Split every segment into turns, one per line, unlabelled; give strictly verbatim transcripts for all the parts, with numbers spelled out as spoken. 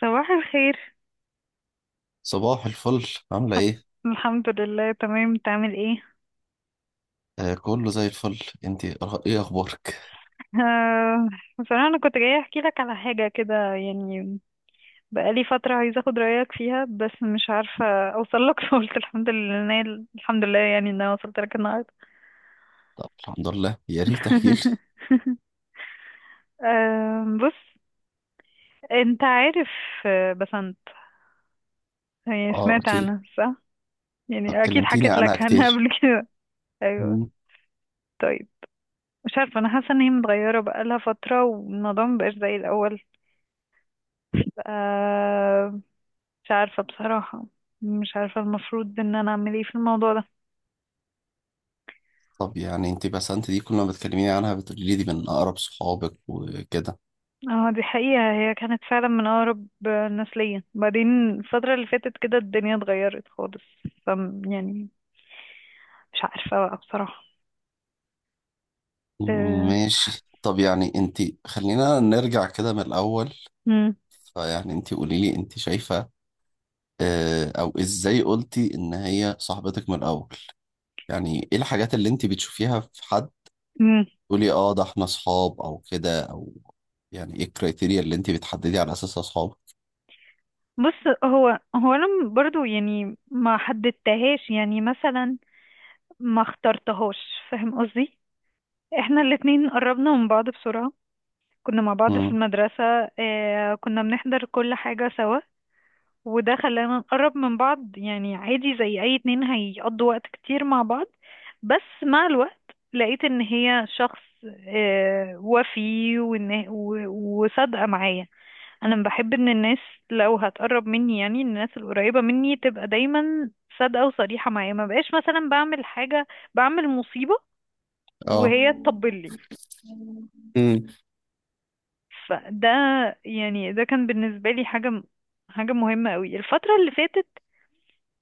صباح الخير.
صباح الفل. عاملة ايه؟
الحمد لله تمام، تعمل ايه؟
آه، كله زي الفل. انتي أخ- ايه اخبارك؟
آه بصراحة انا كنت جاية احكي لك على حاجة كده يعني، بقالي فترة عايزة اخد رأيك فيها بس مش عارفة اوصل لك فقلت الحمد لله إن أنا- الحمد لله يعني ان انا وصلت لك النهاردة.
طب الحمد لله، يا ريت تحكي لي.
آه، بص. انت عارف آه، بسنت، يعني
اه،
سمعت
اكيد.
عنها صح؟
طب
يعني اكيد
كلمتيني
حكيت
عنها
لك عنها
كتير.
قبل كده. ايوه.
مم.
طيب، مش عارفة، أنا حاسة إن هي متغيرة بقالها فترة والموضوع مبقاش زي الأول. آه. مش عارفة بصراحة. مش عارفة المفروض ان انا اعمل ايه في الموضوع ده.
طب يعني انتي، بسنت دي كل ما بتكلميني عنها بتقولي لي دي من اقرب صحابك وكده.
اه، دي حقيقة، هي كانت فعلا من اقرب الناس ليا، بعدين الفترة اللي فاتت كده الدنيا اتغيرت خالص. ف يعني مش عارفة بقى بصراحة. أه...
ماشي. طب يعني انتي، خلينا نرجع كده من الاول.
مم.
فيعني انتي قولي لي، انتي شايفة آه، او ازاي قلتي ان هي صاحبتك من الاول؟ يعني ايه الحاجات اللي انتي بتشوفيها في حد
مم.
تقولي اه ده احنا اصحاب او كده، او يعني ايه الكريتيريا اللي انت بتحددي على اساسها اصحاب؟
بص، هو هو انا م- برضو يعني ما حددتهاش يعني مثلا، ما اخترتهاش. فاهم قصدي؟ احنا الاتنين قربنا من بعض بسرعة، كنا مع بعض في
امم.
المدرسة. اه، كنا بنحضر كل حاجة سوا، وده خلانا نقرب من بعض، يعني عادي زي اي اتنين هيقضوا وقت كتير مع بعض. بس مع الوقت لقيت ان هي شخص، آه، وفي وإن- و- وصادقة معايا. انا بحب ان الناس، لو هتقرب مني يعني الناس القريبة مني، تبقى دايما صادقة وصريحة معايا. ما بقاش مثلا بعمل حاجة، بعمل مصيبة،
اه.
وهي تطبل لي.
امم.
فده يعني ده كان بالنسبة لي حاجة، حاجة مهمة قوي. الفترة اللي فاتت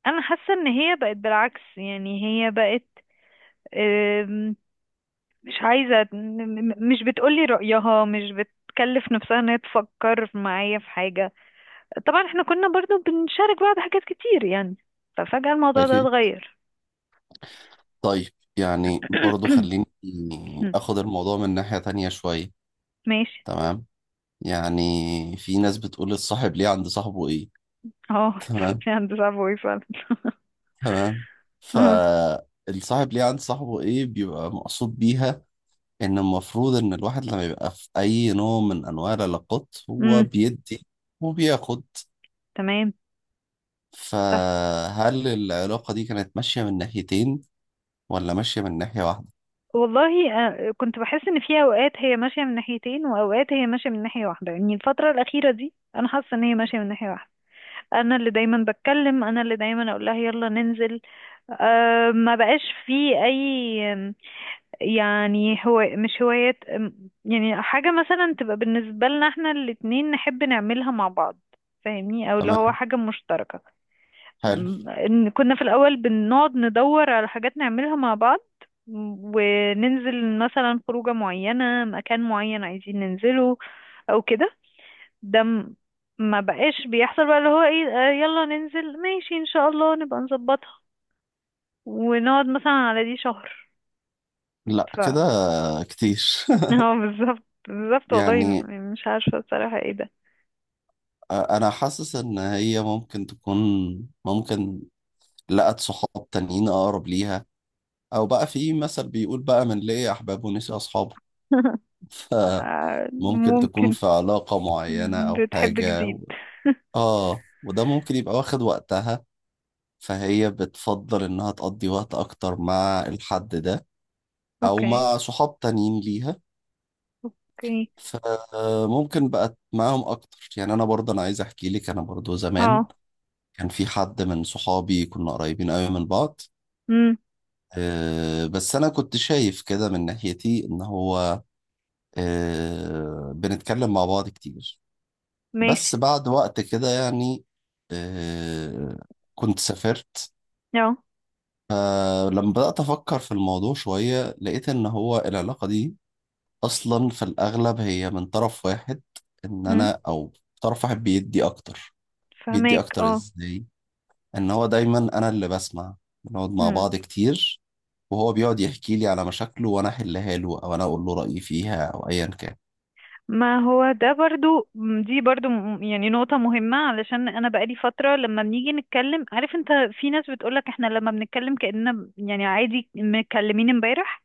انا حاسه ان هي بقت بالعكس يعني. هي بقت آم، مش عايزه م- م- مش بتقولي رأيها، مش بتكلف نفسها ان هي تفكر معايا في حاجه. طبعا احنا كنا برضو بنشارك بعض حاجات كتير يعني، ففجأة الموضوع ده
اكيد.
اتغير.
طيب، يعني برضو خليني اخد الموضوع من ناحية تانية شوية.
ماشي.
تمام. يعني في ناس بتقول الصاحب ليه عند صاحبه ايه.
اه،
تمام.
في هندسة فوي فعلا.
تمام.
أمم،
فالصاحب ليه عند صاحبه ايه بيبقى مقصود بيها ان المفروض ان الواحد لما يبقى في اي نوع من انواع العلاقات هو
أمم،
بيدي وبياخد.
تمام. صح.
فهل العلاقة دي كانت ماشية من ناحيتين ولا ماشية من ناحية واحدة؟
والله آه، كنت بحس ان في اوقات هي ماشيه من ناحيتين واوقات هي ماشيه من ناحيه واحده. يعني الفتره الاخيره دي انا حاسه ان هي ماشيه من ناحيه واحده. انا اللي دايما بتكلم، انا اللي دايما اقول لها يلا ننزل. أه، ما بقاش في اي آم، يعني هو مش هوايات آم، يعني حاجة مثلا تبقى بالنسبة لنا احنا الاتنين نحب نعملها مع بعض. فاهمني؟ او اللي هو
تمام.
حاجة مشتركة.
حلو.
م- إن كنا في الاول بنقعد ندور على حاجات نعملها مع بعض، وننزل مثلا خروجة معينة، مكان معين عايزين ننزله او كده. ده م- ما بقاش بيحصل بقى اللي هو ايه، آه، يلا ننزل ماشي ان شاء الله نبقى نظبطها، ونقعد مثلا على دي شهر.
لا،
ف
كده كتير.
هو بالظبط بالظبط والله، م-
يعني
مش عارفة بصراحة ايه ده.
أنا حاسس إن هي ممكن تكون، ممكن لقت صحاب تانيين أقرب ليها. أو بقى في مثل بيقول بقى: من لقي أحبابه ونسي أصحابه.
آه،
فممكن تكون
ممكن.
في علاقة معينة أو
بتحب
حاجة و...
جديد.
آه وده ممكن يبقى واخد وقتها. فهي بتفضل إنها تقضي وقت أكتر مع الحد ده، او
اوكي.
مع صحاب تانيين ليها.
اوكي.
فممكن بقت معاهم اكتر. يعني انا برضه انا عايز احكي لك، انا برضه زمان
اه.
كان في حد من صحابي كنا قريبين قوي من بعض.
امم.
آه، بس انا كنت شايف كده من ناحيتي ان هو آه، بنتكلم مع بعض كتير. بس
ماشي.
بعد وقت كده يعني آه، كنت سافرت.
اه.
فلما بدأت أفكر في الموضوع شوية لقيت إن هو العلاقة دي اصلا في الاغلب هي من طرف واحد، ان
امم.
انا، او طرف واحد بيدي اكتر. بيدي
فهماك.
اكتر
اه.
ازاي؟ ان هو دايما انا اللي بسمع. بنقعد مع بعض كتير وهو بيقعد يحكي لي على مشاكله، وانا احلها له او انا اقول له رايي فيها، او ايا كان.
ما هو ده برضو، دي برضو م- يعني نقطة مهمة. علشان أنا بقالي فترة لما بنيجي نتكلم، عارف أنت، في ناس بتقولك إحنا لما بنتكلم كأننا ب- يعني عادي متكلمين امبارح.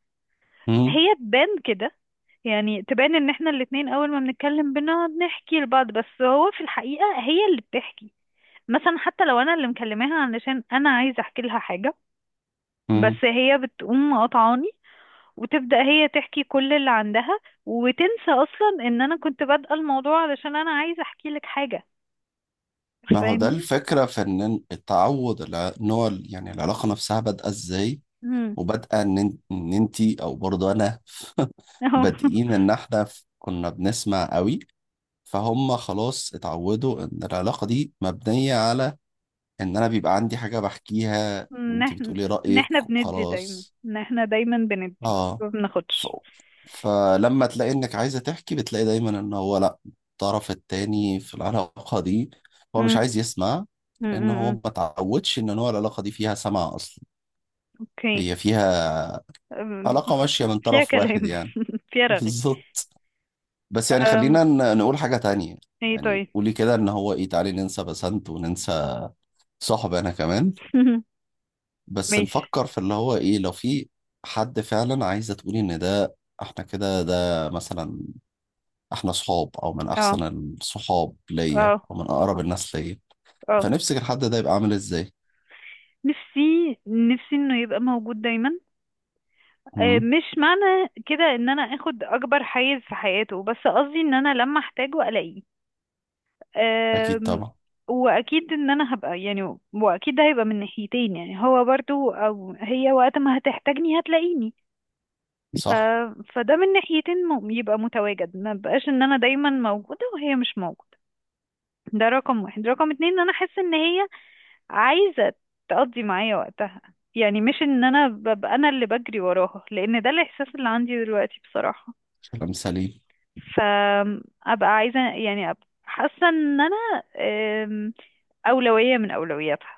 مم.
هي تبان كده، يعني تبان إن إحنا الاتنين أول ما بنتكلم بنقعد نحكي لبعض، بس هو في الحقيقة هي اللي بتحكي. مثلا حتى لو أنا اللي مكلماها علشان أنا عايزة أحكي لها حاجة، بس
مم.
هي بتقوم قاطعاني وتبدأ هي تحكي كل اللي عندها، وتنسى أصلا إن أنا كنت بادئة الموضوع علشان أنا عايزة أحكي لك حاجة.
ما هو ده
فاهمني؟
الفكره في ان التعود، الع- ان هو ال- يعني العلاقه نفسها بادئه ازاي؟
مم.
وبادئه ان إن- إن انتي، او برضه انا،
أهو.
بادئين ان احنا كنا بنسمع قوي، فهم خلاص اتعودوا ان العلاقة دي مبنية على ان انا بيبقى عندي حاجة بحكيها
إن
وانت
إحنا
بتقولي
إن
رأيك
إحنا بندي دايما
وخلاص.
إن إحنا دايما بندي
اه.
ما
ف...
بناخدش.
فلما تلاقي انك عايزة تحكي بتلاقي دايما ان هو لا، الطرف التاني في العلاقة دي هو مش
مم.
عايز يسمع.
مم.
لان
مم.
هو
مم.
ما تعودش ان هو العلاقة دي فيها سمع اصلا،
أوكي.
هي فيها
أم،
علاقة ماشية من
فيها
طرف واحد
كلام.
يعني.
فيها رغي.
بالظبط. بس يعني
أم،
خلينا ن- نقول حاجة تانية.
إيه
يعني
طيب.
قولي كده ان هو ايه، تعالي ننسى بسنت وننسى صاحب انا كمان. بس
ماشي.
نفكر في اللي هو ايه، لو في حد فعلا عايزه تقولي ان ده، احنا كده ده مثلا، احنا صحاب او من
أه.
احسن الصحاب ليا
أه.
او من اقرب
أه.
الناس ليا.
آه.
فنفسك الحد ده يبقى عامل ازاي؟
نفسي، نفسي إنه يبقى موجود دايما. آه،
امم.
مش معنى كده ان انا اخد اكبر حيز في حياته، بس قصدي ان انا لما احتاجه الاقيه.
اكيد
آم،
طبعا.
واكيد ان انا هبقى، يعني واكيد ده هيبقى من ناحيتين، يعني هو برضو او هي وقت ما هتحتاجني هتلاقيني. ف...
صح.
فده من ناحيتين، م... يبقى متواجد. ما بقاش ان انا دايما موجودة وهي مش موجودة. ده رقم واحد. رقم اتنين، ان انا احس ان هي عايزة تقضي معايا وقتها، يعني مش ان انا ببقى انا اللي بجري وراها، لان ده الاحساس اللي عندي دلوقتي بصراحة.
كلام سليم.
فابقى عايزه يعني أبقى حاسه ان انا أم، اولويه من اولوياتها.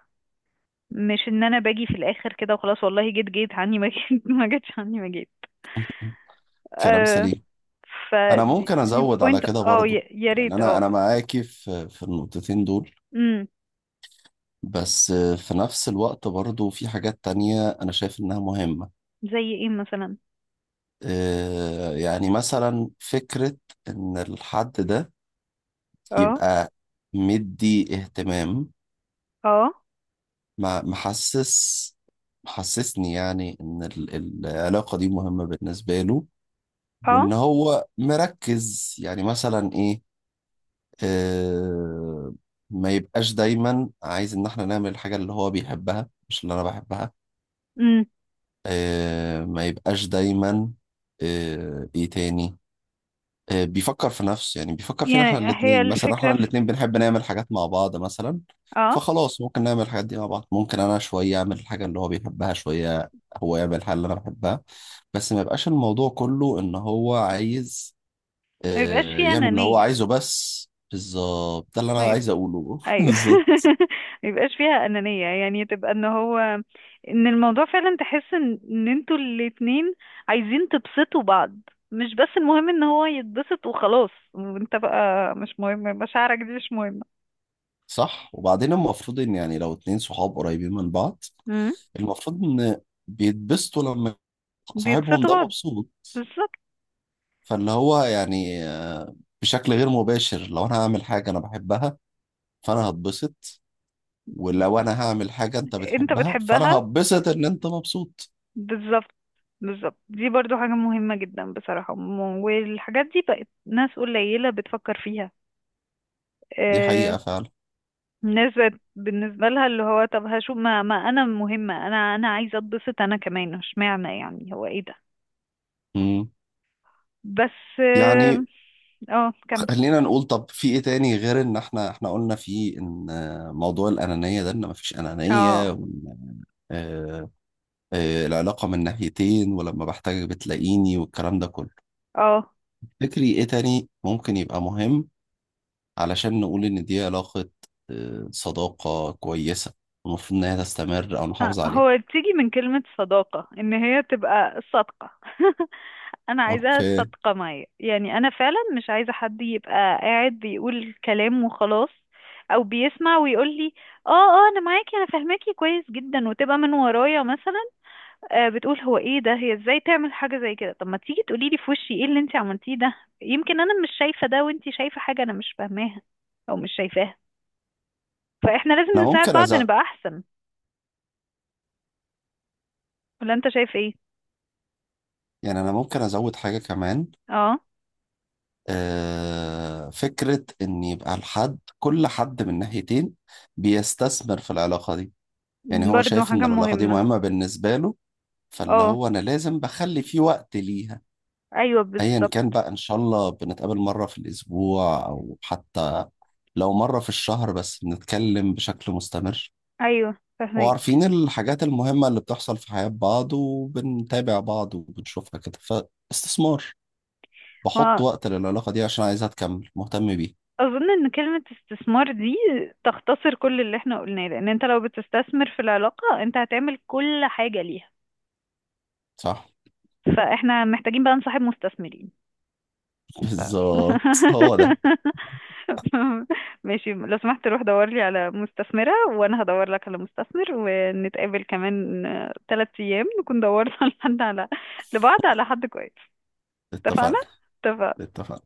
مش ان انا باجي في الاخر كده وخلاص، والله جيت جيت عني ما جيت ما جيتش عني ما جيت.
كلام
أه.
سليم.
ف
انا
دي
ممكن ازود على
بوينت
كده
اه،
برضو.
يا يا
يعني
ريت
انا
اه.
انا معاكي في في النقطتين دول.
امم.
بس في نفس الوقت برضو في حاجات تانية انا شايف انها مهمة.
زي ايه مثلا؟
آه، يعني مثلا فكرة إن الحد ده
اه.
يبقى مدي اهتمام،
اه.
مع- محسس، محسسني يعني إن ال- العلاقة دي مهمة بالنسبة له.
اه.
وإن هو مركز يعني مثلا إيه، آه، ما يبقاش دايما عايز إن إحنا نعمل الحاجة اللي هو بيحبها مش اللي أنا بحبها.
امم.
آه، ما يبقاش دايما. آه، إيه تاني؟ آه، بيفكر في نفسه، يعني بيفكر فينا احنا
يعني هي
الاثنين، مثلا احنا
الفكره في،
الاثنين بنحب نعمل حاجات مع بعض مثلا.
اه،
فخلاص ممكن نعمل الحاجات دي مع بعض. ممكن انا شوية اعمل الحاجة اللي هو بيحبها، شوية هو يعمل الحاجة اللي انا بحبها. بس ما يبقاش الموضوع كله ان هو عايز
ما يبقاش في
آه، يعمل اللي هو
انانيه.
عايزه بس. بالظبط ده اللي انا
ما
عايز اقوله.
ايوه.
بالظبط.
ما يبقاش فيها انانيه. يعني تبقى ان هو، ان الموضوع فعلا تحس ان ان انتوا الاتنين عايزين تبسطوا بعض. مش بس المهم ان هو يتبسط وخلاص، وانت بقى مش مهم مشاعرك، دي مش مهمه.
صح. وبعدين المفروض ان يعني لو اتنين صحاب قريبين من بعض،
امم.
المفروض ان بيتبسطوا لما صاحبهم
بيبسطوا
ده
بعض.
مبسوط.
بالظبط.
فاللي هو يعني آه، بشكل غير مباشر، لو انا هعمل حاجة انا بحبها فانا هتبسط. ولو انا هعمل حاجة انت
انت
بتحبها فانا
بتحبها.
هتبسط ان انت مبسوط.
بالظبط. بالظبط دي برضو حاجه مهمه جدا بصراحه، م- والحاجات دي بقت ناس قليله بتفكر فيها.
دي
آه،
حقيقة فعلا.
الناس بقت بالنسبة لها اللي هو طب هشوف ما, ما انا مهمة، انا انا عايزة اتبسط انا كمان، اشمعنى يعني هو ايه ده؟
مم.
بس اه،
يعني
آه، كمل.
خلينا نقول، طب في ايه تاني غير ان احنا احنا قلنا فيه ان آه، موضوع الانانية ده، ان مفيش انانية،
اه.
وان آه، آه، العلاقة من ناحيتين ولما بحتاجك بتلاقيني والكلام ده كله.
اه.
تفتكري ايه تاني ممكن يبقى مهم علشان نقول إن دي علاقة آه، صداقة كويسة المفروض إن هي تستمر أو
آه،
نحافظ عليها؟
هو بتيجي من كلمة صداقة ان هي تبقى صادقة. انا عايزاها
أوكي.
صادقة معايا. يعني انا فعلا مش عايزة حد يبقى قاعد بيقول كلام وخلاص، او بيسمع ويقول لي اه اه انا معاكي انا فاهماكي كويس جدا، وتبقى من ورايا مثلا آه، بتقول هو ايه ده، هي ازاي تعمل حاجة زي كده. طب ما تيجي تقولي لي في وشي ايه اللي انت عملتيه ده؟ يمكن انا مش شايفة ده وانت شايفة حاجة انا مش فاهماها او مش شايفاها. فاحنا لازم
أنا
نساعد
ممكن
بعض
أزود.
نبقى احسن. ولا انت شايف ايه؟
يعني أنا ممكن أزود حاجة كمان.
اه.
آه، فكرة إن يبقى الحد، كل حد من ناحيتين بيستثمر في العلاقة دي. يعني هو
برضو
شايف إن
حاجة
العلاقة دي
مهمة.
مهمة بالنسبة له، فاللي
اه.
هو أنا لازم بخلي فيه وقت ليها.
ايوه
ايا كان
بالظبط.
بقى، ان شاء الله بنتقابل مره في الاسبوع، او حتى لو مره في الشهر، بس بنتكلم بشكل مستمر.
ايوه فاهمك.
وعارفين الحاجات المهمة اللي بتحصل في حياة بعض وبنتابع بعض وبنشوفها كده. فاستثمار، بحط وقت للعلاقة دي عشان عايزها تكمل مهتم بيه.
واظن ان كلمة استثمار دي تختصر كل اللي احنا قلناه، لان انت لو بتستثمر في العلاقة انت هتعمل كل حاجة ليها.
صح.
فاحنا محتاجين بقى نصاحب مستثمرين. ف...
بالظبط هو ده.
ماشي، لو سمحت روح دور لي على مستثمرة وانا هدور لك على مستثمر، ونتقابل كمان ثلاث ايام نكون دورنا لحد على لبعض على حد كويس. اتفقنا؟
اتفقنا.
اتفقنا.
اتفقنا.